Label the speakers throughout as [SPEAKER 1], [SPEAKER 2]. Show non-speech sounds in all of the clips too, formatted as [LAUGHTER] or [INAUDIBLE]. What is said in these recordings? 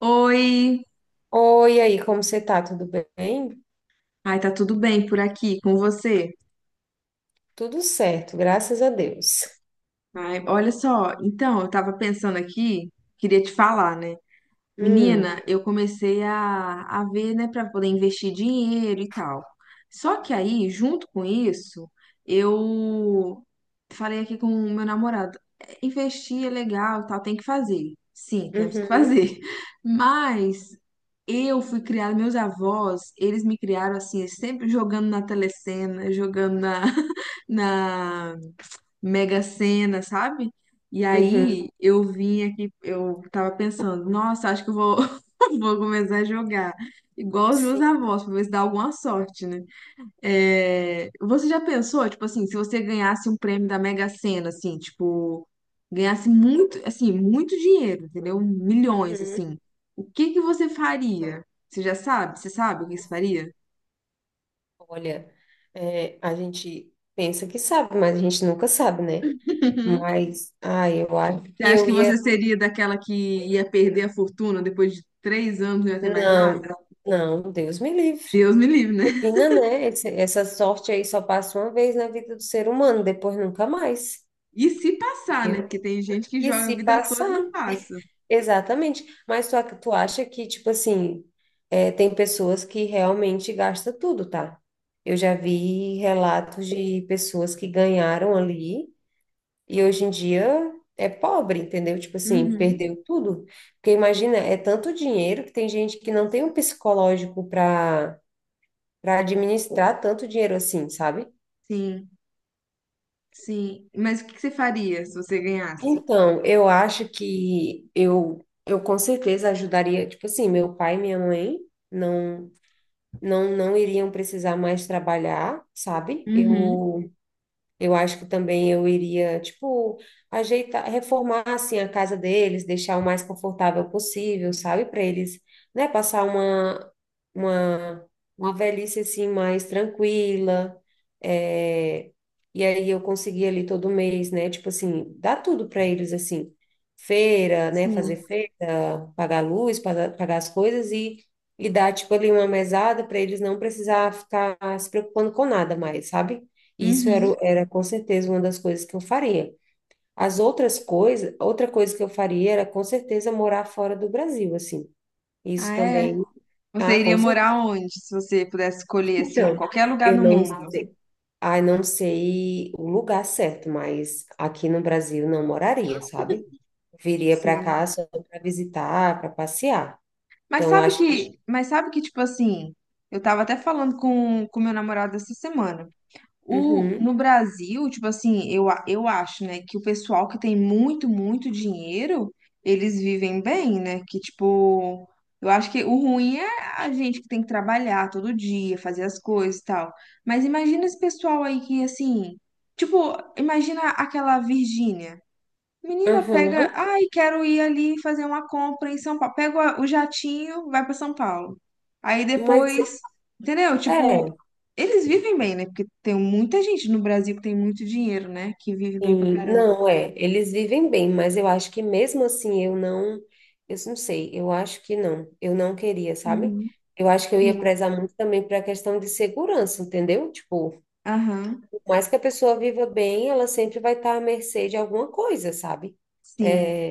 [SPEAKER 1] Oi!
[SPEAKER 2] Oi, e aí, como você tá? Tudo bem?
[SPEAKER 1] Ai, tá tudo bem por aqui com você?
[SPEAKER 2] Tudo certo, graças a Deus.
[SPEAKER 1] Ai, olha só, então, eu tava pensando aqui, queria te falar, né?
[SPEAKER 2] Hum,
[SPEAKER 1] Menina, eu comecei a ver, né, para poder investir dinheiro e tal. Só que aí, junto com isso, eu falei aqui com o meu namorado: "É, investir é legal, e tal, tem que fazer. Sim, temos que
[SPEAKER 2] uhum,
[SPEAKER 1] fazer. [LAUGHS] Mas eu fui criada, meus avós, eles me criaram assim, sempre jogando na telecena, jogando na, [LAUGHS] na Mega Sena, sabe? E
[SPEAKER 2] uhum,
[SPEAKER 1] aí eu vim aqui, eu tava pensando, nossa, acho que [LAUGHS] vou começar a jogar. Igual os meus
[SPEAKER 2] sim,
[SPEAKER 1] avós, pra ver se dá alguma sorte, né? É, você já pensou, tipo assim, se você ganhasse um prêmio da Mega Sena, assim, tipo, ganhasse muito, assim, muito dinheiro, entendeu? Milhões,
[SPEAKER 2] uhum.
[SPEAKER 1] assim. O que que você faria? Você já sabe? Você sabe o que você faria?
[SPEAKER 2] Olha, a gente pensa que sabe, mas a gente nunca sabe, né?
[SPEAKER 1] [LAUGHS]
[SPEAKER 2] Mas, eu acho
[SPEAKER 1] Você
[SPEAKER 2] que
[SPEAKER 1] acha
[SPEAKER 2] eu
[SPEAKER 1] que você
[SPEAKER 2] ia.
[SPEAKER 1] seria daquela que ia perder a fortuna depois de 3 anos e não ia ter mais
[SPEAKER 2] Não,
[SPEAKER 1] nada?
[SPEAKER 2] não, Deus me livre.
[SPEAKER 1] Deus me livre, né?
[SPEAKER 2] Imagina, né? Essa sorte aí só passa uma vez na vida do ser humano, depois nunca mais.
[SPEAKER 1] E se passar, né? Porque tem gente que
[SPEAKER 2] E
[SPEAKER 1] joga
[SPEAKER 2] se
[SPEAKER 1] a vida toda e
[SPEAKER 2] passar?
[SPEAKER 1] não passa.
[SPEAKER 2] Exatamente. Mas tu, tu acha que, tipo assim, tem pessoas que realmente gastam tudo, tá? Eu já vi relatos de pessoas que ganharam ali e hoje em dia é pobre, entendeu? Tipo assim,
[SPEAKER 1] Uhum.
[SPEAKER 2] perdeu tudo. Porque imagina, é tanto dinheiro que tem gente que não tem um psicológico para para administrar tanto dinheiro assim, sabe?
[SPEAKER 1] Sim, sim. Mas o que que você faria se você ganhasse?
[SPEAKER 2] Então, eu acho que eu com certeza ajudaria, tipo assim, meu pai e minha mãe. Não, não, não iriam precisar mais trabalhar, sabe?
[SPEAKER 1] Uhum.
[SPEAKER 2] Eu acho que também eu iria, tipo, ajeitar, reformar assim a casa deles, deixar o mais confortável possível, sabe? Para eles, né, passar uma uma velhice assim mais tranquila. é, E aí eu conseguir ali todo mês, né? Tipo assim, dar tudo para eles assim, feira, né, fazer
[SPEAKER 1] Sim.
[SPEAKER 2] feira, pagar luz, pagar as coisas e dar tipo ali uma mesada para eles não precisar ficar se preocupando com nada mais, sabe? Isso era,
[SPEAKER 1] Uhum.
[SPEAKER 2] era com certeza uma das coisas que eu faria. As outras coisas, outra coisa que eu faria era com certeza morar fora do Brasil, assim. Isso
[SPEAKER 1] Ah, é?
[SPEAKER 2] também. Ah,
[SPEAKER 1] Você
[SPEAKER 2] com
[SPEAKER 1] iria
[SPEAKER 2] certeza.
[SPEAKER 1] morar onde, se você pudesse escolher, assim,
[SPEAKER 2] Então,
[SPEAKER 1] qualquer lugar
[SPEAKER 2] eu
[SPEAKER 1] no
[SPEAKER 2] não
[SPEAKER 1] mundo?
[SPEAKER 2] sei. Ah, não sei o lugar certo, mas aqui no Brasil não moraria, sabe? Viria para
[SPEAKER 1] Sim.
[SPEAKER 2] cá só para visitar, para passear.
[SPEAKER 1] Mas
[SPEAKER 2] Então,
[SPEAKER 1] sabe
[SPEAKER 2] acho que.
[SPEAKER 1] que, mas sabe que, tipo assim, eu tava até falando com meu namorado essa semana. O,
[SPEAKER 2] Uhum,
[SPEAKER 1] no Brasil, tipo assim, eu, eu acho, né, que o pessoal que tem muito, muito dinheiro, eles vivem bem, né? Que, tipo, eu acho que o ruim é a gente que tem que trabalhar todo dia, fazer as coisas e tal. Mas imagina esse pessoal aí que, assim, tipo, imagina aquela Virgínia. Menina, pega.
[SPEAKER 2] uhum.
[SPEAKER 1] Ai, quero ir ali fazer uma compra em São Paulo. Pega o o jatinho, vai para São Paulo. Aí
[SPEAKER 2] Mas
[SPEAKER 1] depois, entendeu? Tipo,
[SPEAKER 2] é.
[SPEAKER 1] eles vivem bem, né? Porque tem muita gente no Brasil que tem muito dinheiro, né? Que vive bem pra
[SPEAKER 2] Sim,
[SPEAKER 1] caramba.
[SPEAKER 2] não, é, eles vivem bem, mas eu acho que mesmo assim eu não sei, eu acho que não, eu não queria, sabe?
[SPEAKER 1] Uhum.
[SPEAKER 2] Eu acho que eu ia
[SPEAKER 1] Sim.
[SPEAKER 2] prezar muito também para a questão de segurança, entendeu? Tipo,
[SPEAKER 1] Aham.
[SPEAKER 2] por mais que a pessoa viva bem, ela sempre vai estar à mercê de alguma coisa, sabe?
[SPEAKER 1] Sim,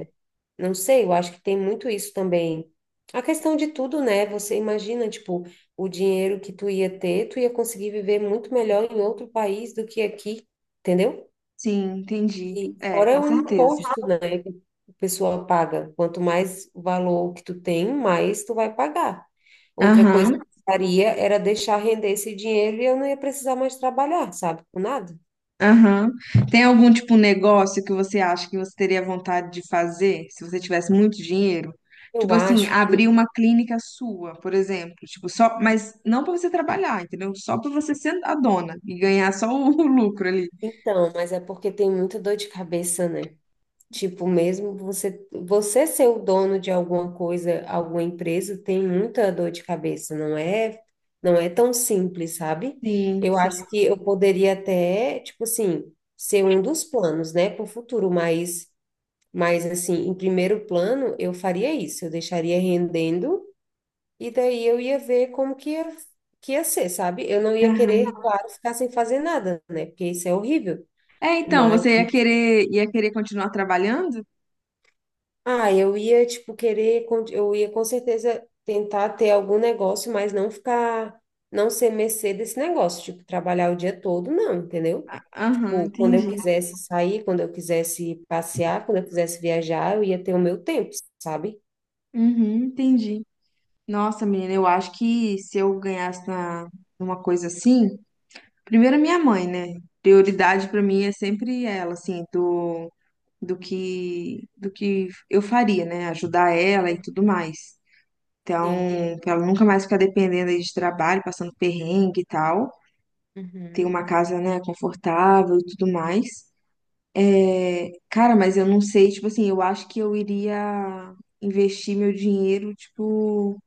[SPEAKER 2] Não sei, eu acho que tem muito isso também. A questão de tudo, né? Você imagina, tipo, o dinheiro que tu ia ter, tu ia conseguir viver muito melhor em outro país do que aqui, entendeu?
[SPEAKER 1] sim, entendi.
[SPEAKER 2] E
[SPEAKER 1] É,
[SPEAKER 2] fora
[SPEAKER 1] com
[SPEAKER 2] o
[SPEAKER 1] certeza.
[SPEAKER 2] imposto, né, que o pessoal paga. Quanto mais valor que tu tem, mais tu vai pagar. Outra coisa que
[SPEAKER 1] Aham.
[SPEAKER 2] eu faria era deixar render esse dinheiro e eu não ia precisar mais trabalhar, sabe? Com nada.
[SPEAKER 1] Aham. Tem algum tipo de negócio que você acha que você teria vontade de fazer se você tivesse muito dinheiro?
[SPEAKER 2] Eu
[SPEAKER 1] Tipo assim,
[SPEAKER 2] acho
[SPEAKER 1] abrir
[SPEAKER 2] que.
[SPEAKER 1] uma clínica sua, por exemplo, tipo só, mas não para você trabalhar, entendeu? Só para você ser a dona e ganhar só o, [LAUGHS] lucro ali.
[SPEAKER 2] Então, mas é porque tem muita dor de cabeça, né? Tipo, mesmo você ser o dono de alguma coisa, alguma empresa, tem muita dor de cabeça, não é tão simples, sabe?
[SPEAKER 1] Sim,
[SPEAKER 2] Eu
[SPEAKER 1] sim.
[SPEAKER 2] acho que eu poderia até, tipo assim, ser um dos planos, né, para o futuro, mas assim, em primeiro plano, eu faria isso, eu deixaria rendendo e daí eu ia ver como que ia ser, sabe? Eu não ia querer,
[SPEAKER 1] Aham.
[SPEAKER 2] claro, ficar sem fazer nada, né? Porque isso é horrível.
[SPEAKER 1] É, então, ia querer continuar trabalhando?
[SPEAKER 2] Ah, eu ia, tipo, eu ia com certeza tentar ter algum negócio, mas não ficar, não ser mercê desse negócio, tipo, trabalhar o dia todo, não, entendeu?
[SPEAKER 1] Aham,
[SPEAKER 2] Tipo, quando eu
[SPEAKER 1] entendi.
[SPEAKER 2] quisesse sair, quando eu quisesse passear, quando eu quisesse viajar, eu ia ter o meu tempo, sabe?
[SPEAKER 1] Uhum, entendi. Nossa, menina, eu acho que se eu ganhasse na, numa coisa assim, primeiro a minha mãe, né? Prioridade pra mim é sempre ela, assim, do que eu faria, né? Ajudar ela e tudo mais. Então,
[SPEAKER 2] Sim.
[SPEAKER 1] pra ela nunca mais ficar dependendo aí de trabalho, passando perrengue e tal. Ter
[SPEAKER 2] Uhum.
[SPEAKER 1] uma casa, né, confortável e tudo mais. É, cara, mas eu não sei, tipo assim, eu acho que eu iria investir meu dinheiro, tipo,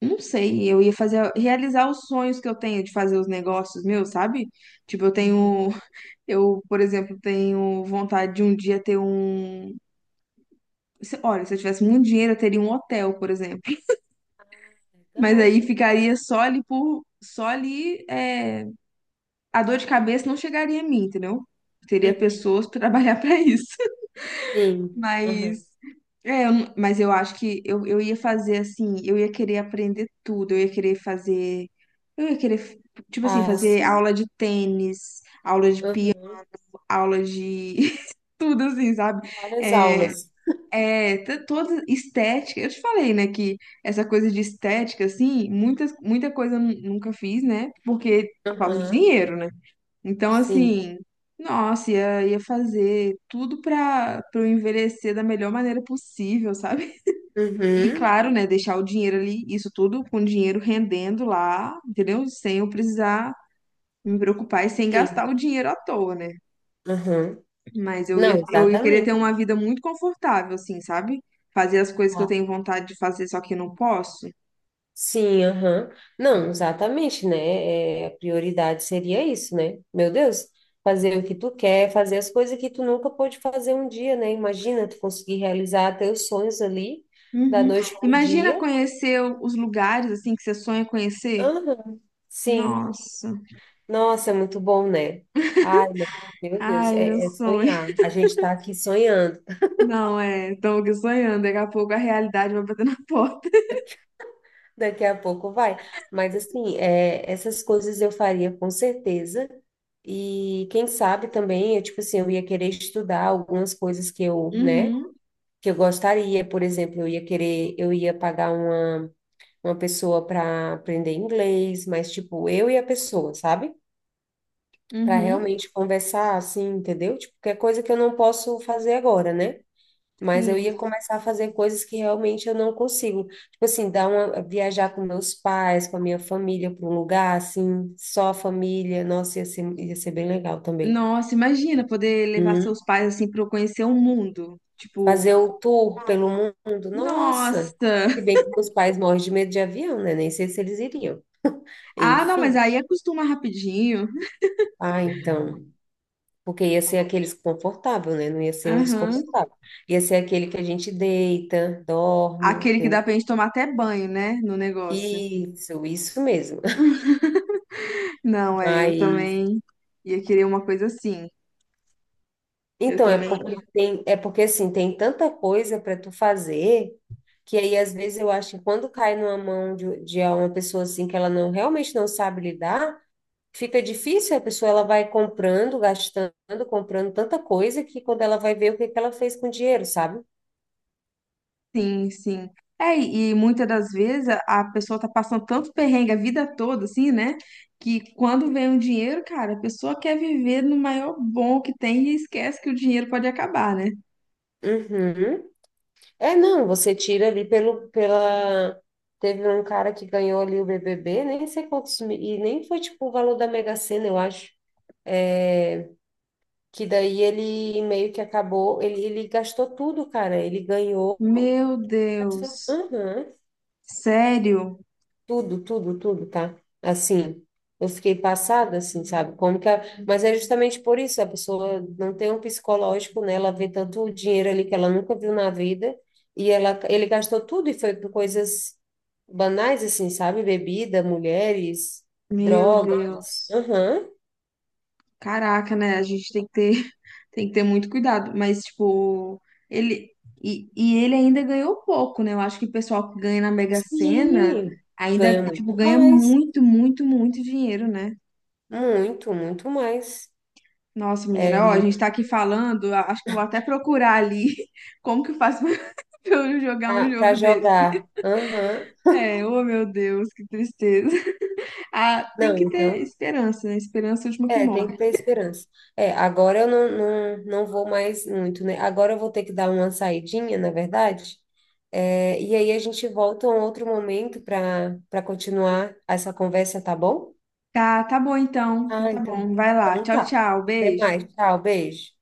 [SPEAKER 1] não sei, eu ia fazer, realizar os sonhos que eu tenho de fazer os negócios meus, sabe? Tipo, eu
[SPEAKER 2] Uhum.
[SPEAKER 1] tenho Eu, por exemplo, tenho vontade de um dia ter um. Olha, se eu tivesse muito dinheiro, eu teria um hotel, por exemplo. Mas
[SPEAKER 2] Legal.
[SPEAKER 1] aí ficaria só ali por. Só ali. A dor de cabeça não chegaria a mim, entendeu? Teria
[SPEAKER 2] Uhum.
[SPEAKER 1] pessoas para trabalhar [LAUGHS] para isso.
[SPEAKER 2] Sim.
[SPEAKER 1] Mas.
[SPEAKER 2] Uhum.
[SPEAKER 1] É, eu não- mas eu acho que eu ia fazer assim. Eu ia querer aprender tudo. Eu ia querer fazer. Eu ia querer, tipo assim,
[SPEAKER 2] Ah,
[SPEAKER 1] fazer
[SPEAKER 2] sim.
[SPEAKER 1] aula de tênis, aula de piano,
[SPEAKER 2] Uhum.
[SPEAKER 1] aula de. [LAUGHS] Tudo assim, sabe?
[SPEAKER 2] Várias
[SPEAKER 1] É,
[SPEAKER 2] aulas.
[SPEAKER 1] Toda estética. Eu te falei, né, que essa coisa de estética, assim, muita coisa eu nunca fiz, né? Porque por causa de
[SPEAKER 2] Uhum.
[SPEAKER 1] dinheiro, né? Então,
[SPEAKER 2] Sim.
[SPEAKER 1] assim, nossa, ia fazer tudo pra eu envelhecer da melhor maneira possível, sabe? [LAUGHS] E
[SPEAKER 2] Uhum.
[SPEAKER 1] claro, né, deixar o dinheiro ali, isso tudo com o dinheiro rendendo lá, entendeu? Sem eu precisar me preocupar e sem
[SPEAKER 2] Sim.
[SPEAKER 1] gastar o dinheiro à toa, né?
[SPEAKER 2] Uhum.
[SPEAKER 1] Mas
[SPEAKER 2] Não,
[SPEAKER 1] eu ia querer ter
[SPEAKER 2] exatamente.
[SPEAKER 1] uma vida muito confortável, assim, sabe? Fazer as coisas que eu
[SPEAKER 2] Ah,
[SPEAKER 1] tenho vontade de fazer, só que eu não posso.
[SPEAKER 2] Sim, aham. Não, exatamente, né? É, a prioridade seria isso, né? Meu Deus, fazer o que tu quer, fazer as coisas que tu nunca pôde fazer um dia, né? Imagina tu conseguir realizar teus sonhos ali, da
[SPEAKER 1] Uhum.
[SPEAKER 2] noite pro
[SPEAKER 1] Imagina
[SPEAKER 2] dia.
[SPEAKER 1] conhecer os lugares, assim, que você sonha conhecer.
[SPEAKER 2] Aham. Sim.
[SPEAKER 1] Nossa.
[SPEAKER 2] Nossa, é muito bom, né? Ai, meu Deus,
[SPEAKER 1] Ai, meu
[SPEAKER 2] é
[SPEAKER 1] sonho.
[SPEAKER 2] sonhar. A gente tá aqui sonhando.
[SPEAKER 1] [LAUGHS] Não, é. Estou aqui sonhando. Daqui a pouco a realidade vai bater na [LAUGHS] porta.
[SPEAKER 2] Daqui a pouco vai. Mas assim, é, essas coisas eu faria com certeza. E quem sabe também, eu, tipo assim, eu ia querer estudar algumas coisas que eu, né,
[SPEAKER 1] Uhum,
[SPEAKER 2] que eu gostaria. Por exemplo, eu ia querer, eu ia pagar uma pessoa para aprender inglês, mas tipo, eu e a pessoa, sabe? Para
[SPEAKER 1] uhum.
[SPEAKER 2] realmente conversar assim, entendeu? Tipo, que é coisa que eu não posso fazer agora, né? Mas eu
[SPEAKER 1] Sim.
[SPEAKER 2] ia começar a fazer coisas que realmente eu não consigo. Tipo assim, dar uma, viajar com meus pais, com a minha família para um lugar assim, só a família. Nossa, ia ser bem legal também.
[SPEAKER 1] Nossa, imagina poder levar seus
[SPEAKER 2] Uhum.
[SPEAKER 1] pais, assim, para conhecer o mundo. Tipo,
[SPEAKER 2] Fazer o tour pelo mundo. Nossa! Se
[SPEAKER 1] nossa.
[SPEAKER 2] bem que meus pais morrem de medo de avião, né? Nem sei se eles iriam. [LAUGHS]
[SPEAKER 1] Ah, não, mas
[SPEAKER 2] Enfim.
[SPEAKER 1] aí acostuma rapidinho.
[SPEAKER 2] Ah, então. Porque ia ser aquele desconfortável, né? Não ia ser um
[SPEAKER 1] Aham.
[SPEAKER 2] desconfortável. Ia ser aquele que a gente deita, dorme,
[SPEAKER 1] Aquele que dá
[SPEAKER 2] entendeu?
[SPEAKER 1] pra gente tomar até banho, né? No negócio.
[SPEAKER 2] Isso mesmo.
[SPEAKER 1] Não, é, eu
[SPEAKER 2] Mas
[SPEAKER 1] também ia querer uma coisa assim. Eu
[SPEAKER 2] então é
[SPEAKER 1] também.
[SPEAKER 2] porque tem, é porque assim, tem tanta coisa para tu fazer que aí às vezes eu acho que quando cai numa mão de uma pessoa assim que ela não realmente não sabe lidar, fica difícil, a pessoa ela vai comprando, gastando, comprando tanta coisa que quando ela vai ver o que que ela fez com o dinheiro, sabe?
[SPEAKER 1] Sim, sim. É, e muitas das vezes a pessoa tá passando tanto perrengue a vida toda, assim, né? Que quando vem um dinheiro, cara, a pessoa quer viver no maior bom que tem e esquece que o dinheiro pode acabar, né?
[SPEAKER 2] Uhum. É, não, você tira ali pelo, pela. Teve um cara que ganhou ali o BBB, nem sei quantos, e nem foi tipo o valor da Mega Sena, eu acho. É, Que daí ele meio que acabou, ele gastou tudo, cara. Ele ganhou,
[SPEAKER 1] Meu
[SPEAKER 2] gastou,
[SPEAKER 1] Deus.
[SPEAKER 2] aham,
[SPEAKER 1] Sério?
[SPEAKER 2] tudo, tudo, tudo, tá? Assim, eu fiquei passada, assim, sabe? Como que mas é justamente por isso, a pessoa não tem um psicológico, né? Ela vê tanto dinheiro ali que ela nunca viu na vida, e ele gastou tudo e foi por coisas banais, assim, sabe? Bebida, mulheres,
[SPEAKER 1] Meu
[SPEAKER 2] drogas.
[SPEAKER 1] Deus.
[SPEAKER 2] Aham,
[SPEAKER 1] Caraca, né? A gente tem que ter. Tem que ter muito cuidado, mas, tipo, ele. E ele ainda ganhou pouco, né? Eu acho que o pessoal que ganha na Mega Sena
[SPEAKER 2] sim,
[SPEAKER 1] ainda,
[SPEAKER 2] ganha
[SPEAKER 1] tipo,
[SPEAKER 2] muito
[SPEAKER 1] ganha
[SPEAKER 2] mais.
[SPEAKER 1] muito, muito, muito dinheiro, né?
[SPEAKER 2] Muito, muito mais.
[SPEAKER 1] Nossa, menina, ó, a gente tá aqui falando, acho que eu vou até procurar ali [LAUGHS] como que eu faço [LAUGHS] pra eu jogar um
[SPEAKER 2] Para
[SPEAKER 1] jogo desse.
[SPEAKER 2] jogar. Aham.
[SPEAKER 1] É, oh meu Deus, que tristeza. [LAUGHS] Ah, tem
[SPEAKER 2] Não,
[SPEAKER 1] que ter
[SPEAKER 2] então,
[SPEAKER 1] esperança, né? Esperança é a última que
[SPEAKER 2] é, tem
[SPEAKER 1] morre.
[SPEAKER 2] que ter esperança. É, agora eu não, não, não vou mais muito, né? Agora eu vou ter que dar uma saidinha, na verdade. É, e aí a gente volta a um outro momento para para continuar essa conversa, tá bom?
[SPEAKER 1] Tá, tá bom então.
[SPEAKER 2] Ah,
[SPEAKER 1] Então tá
[SPEAKER 2] então.
[SPEAKER 1] bom. Vai lá.
[SPEAKER 2] Então
[SPEAKER 1] Tchau,
[SPEAKER 2] tá.
[SPEAKER 1] tchau.
[SPEAKER 2] Até
[SPEAKER 1] Beijo.
[SPEAKER 2] mais. Tchau, beijo.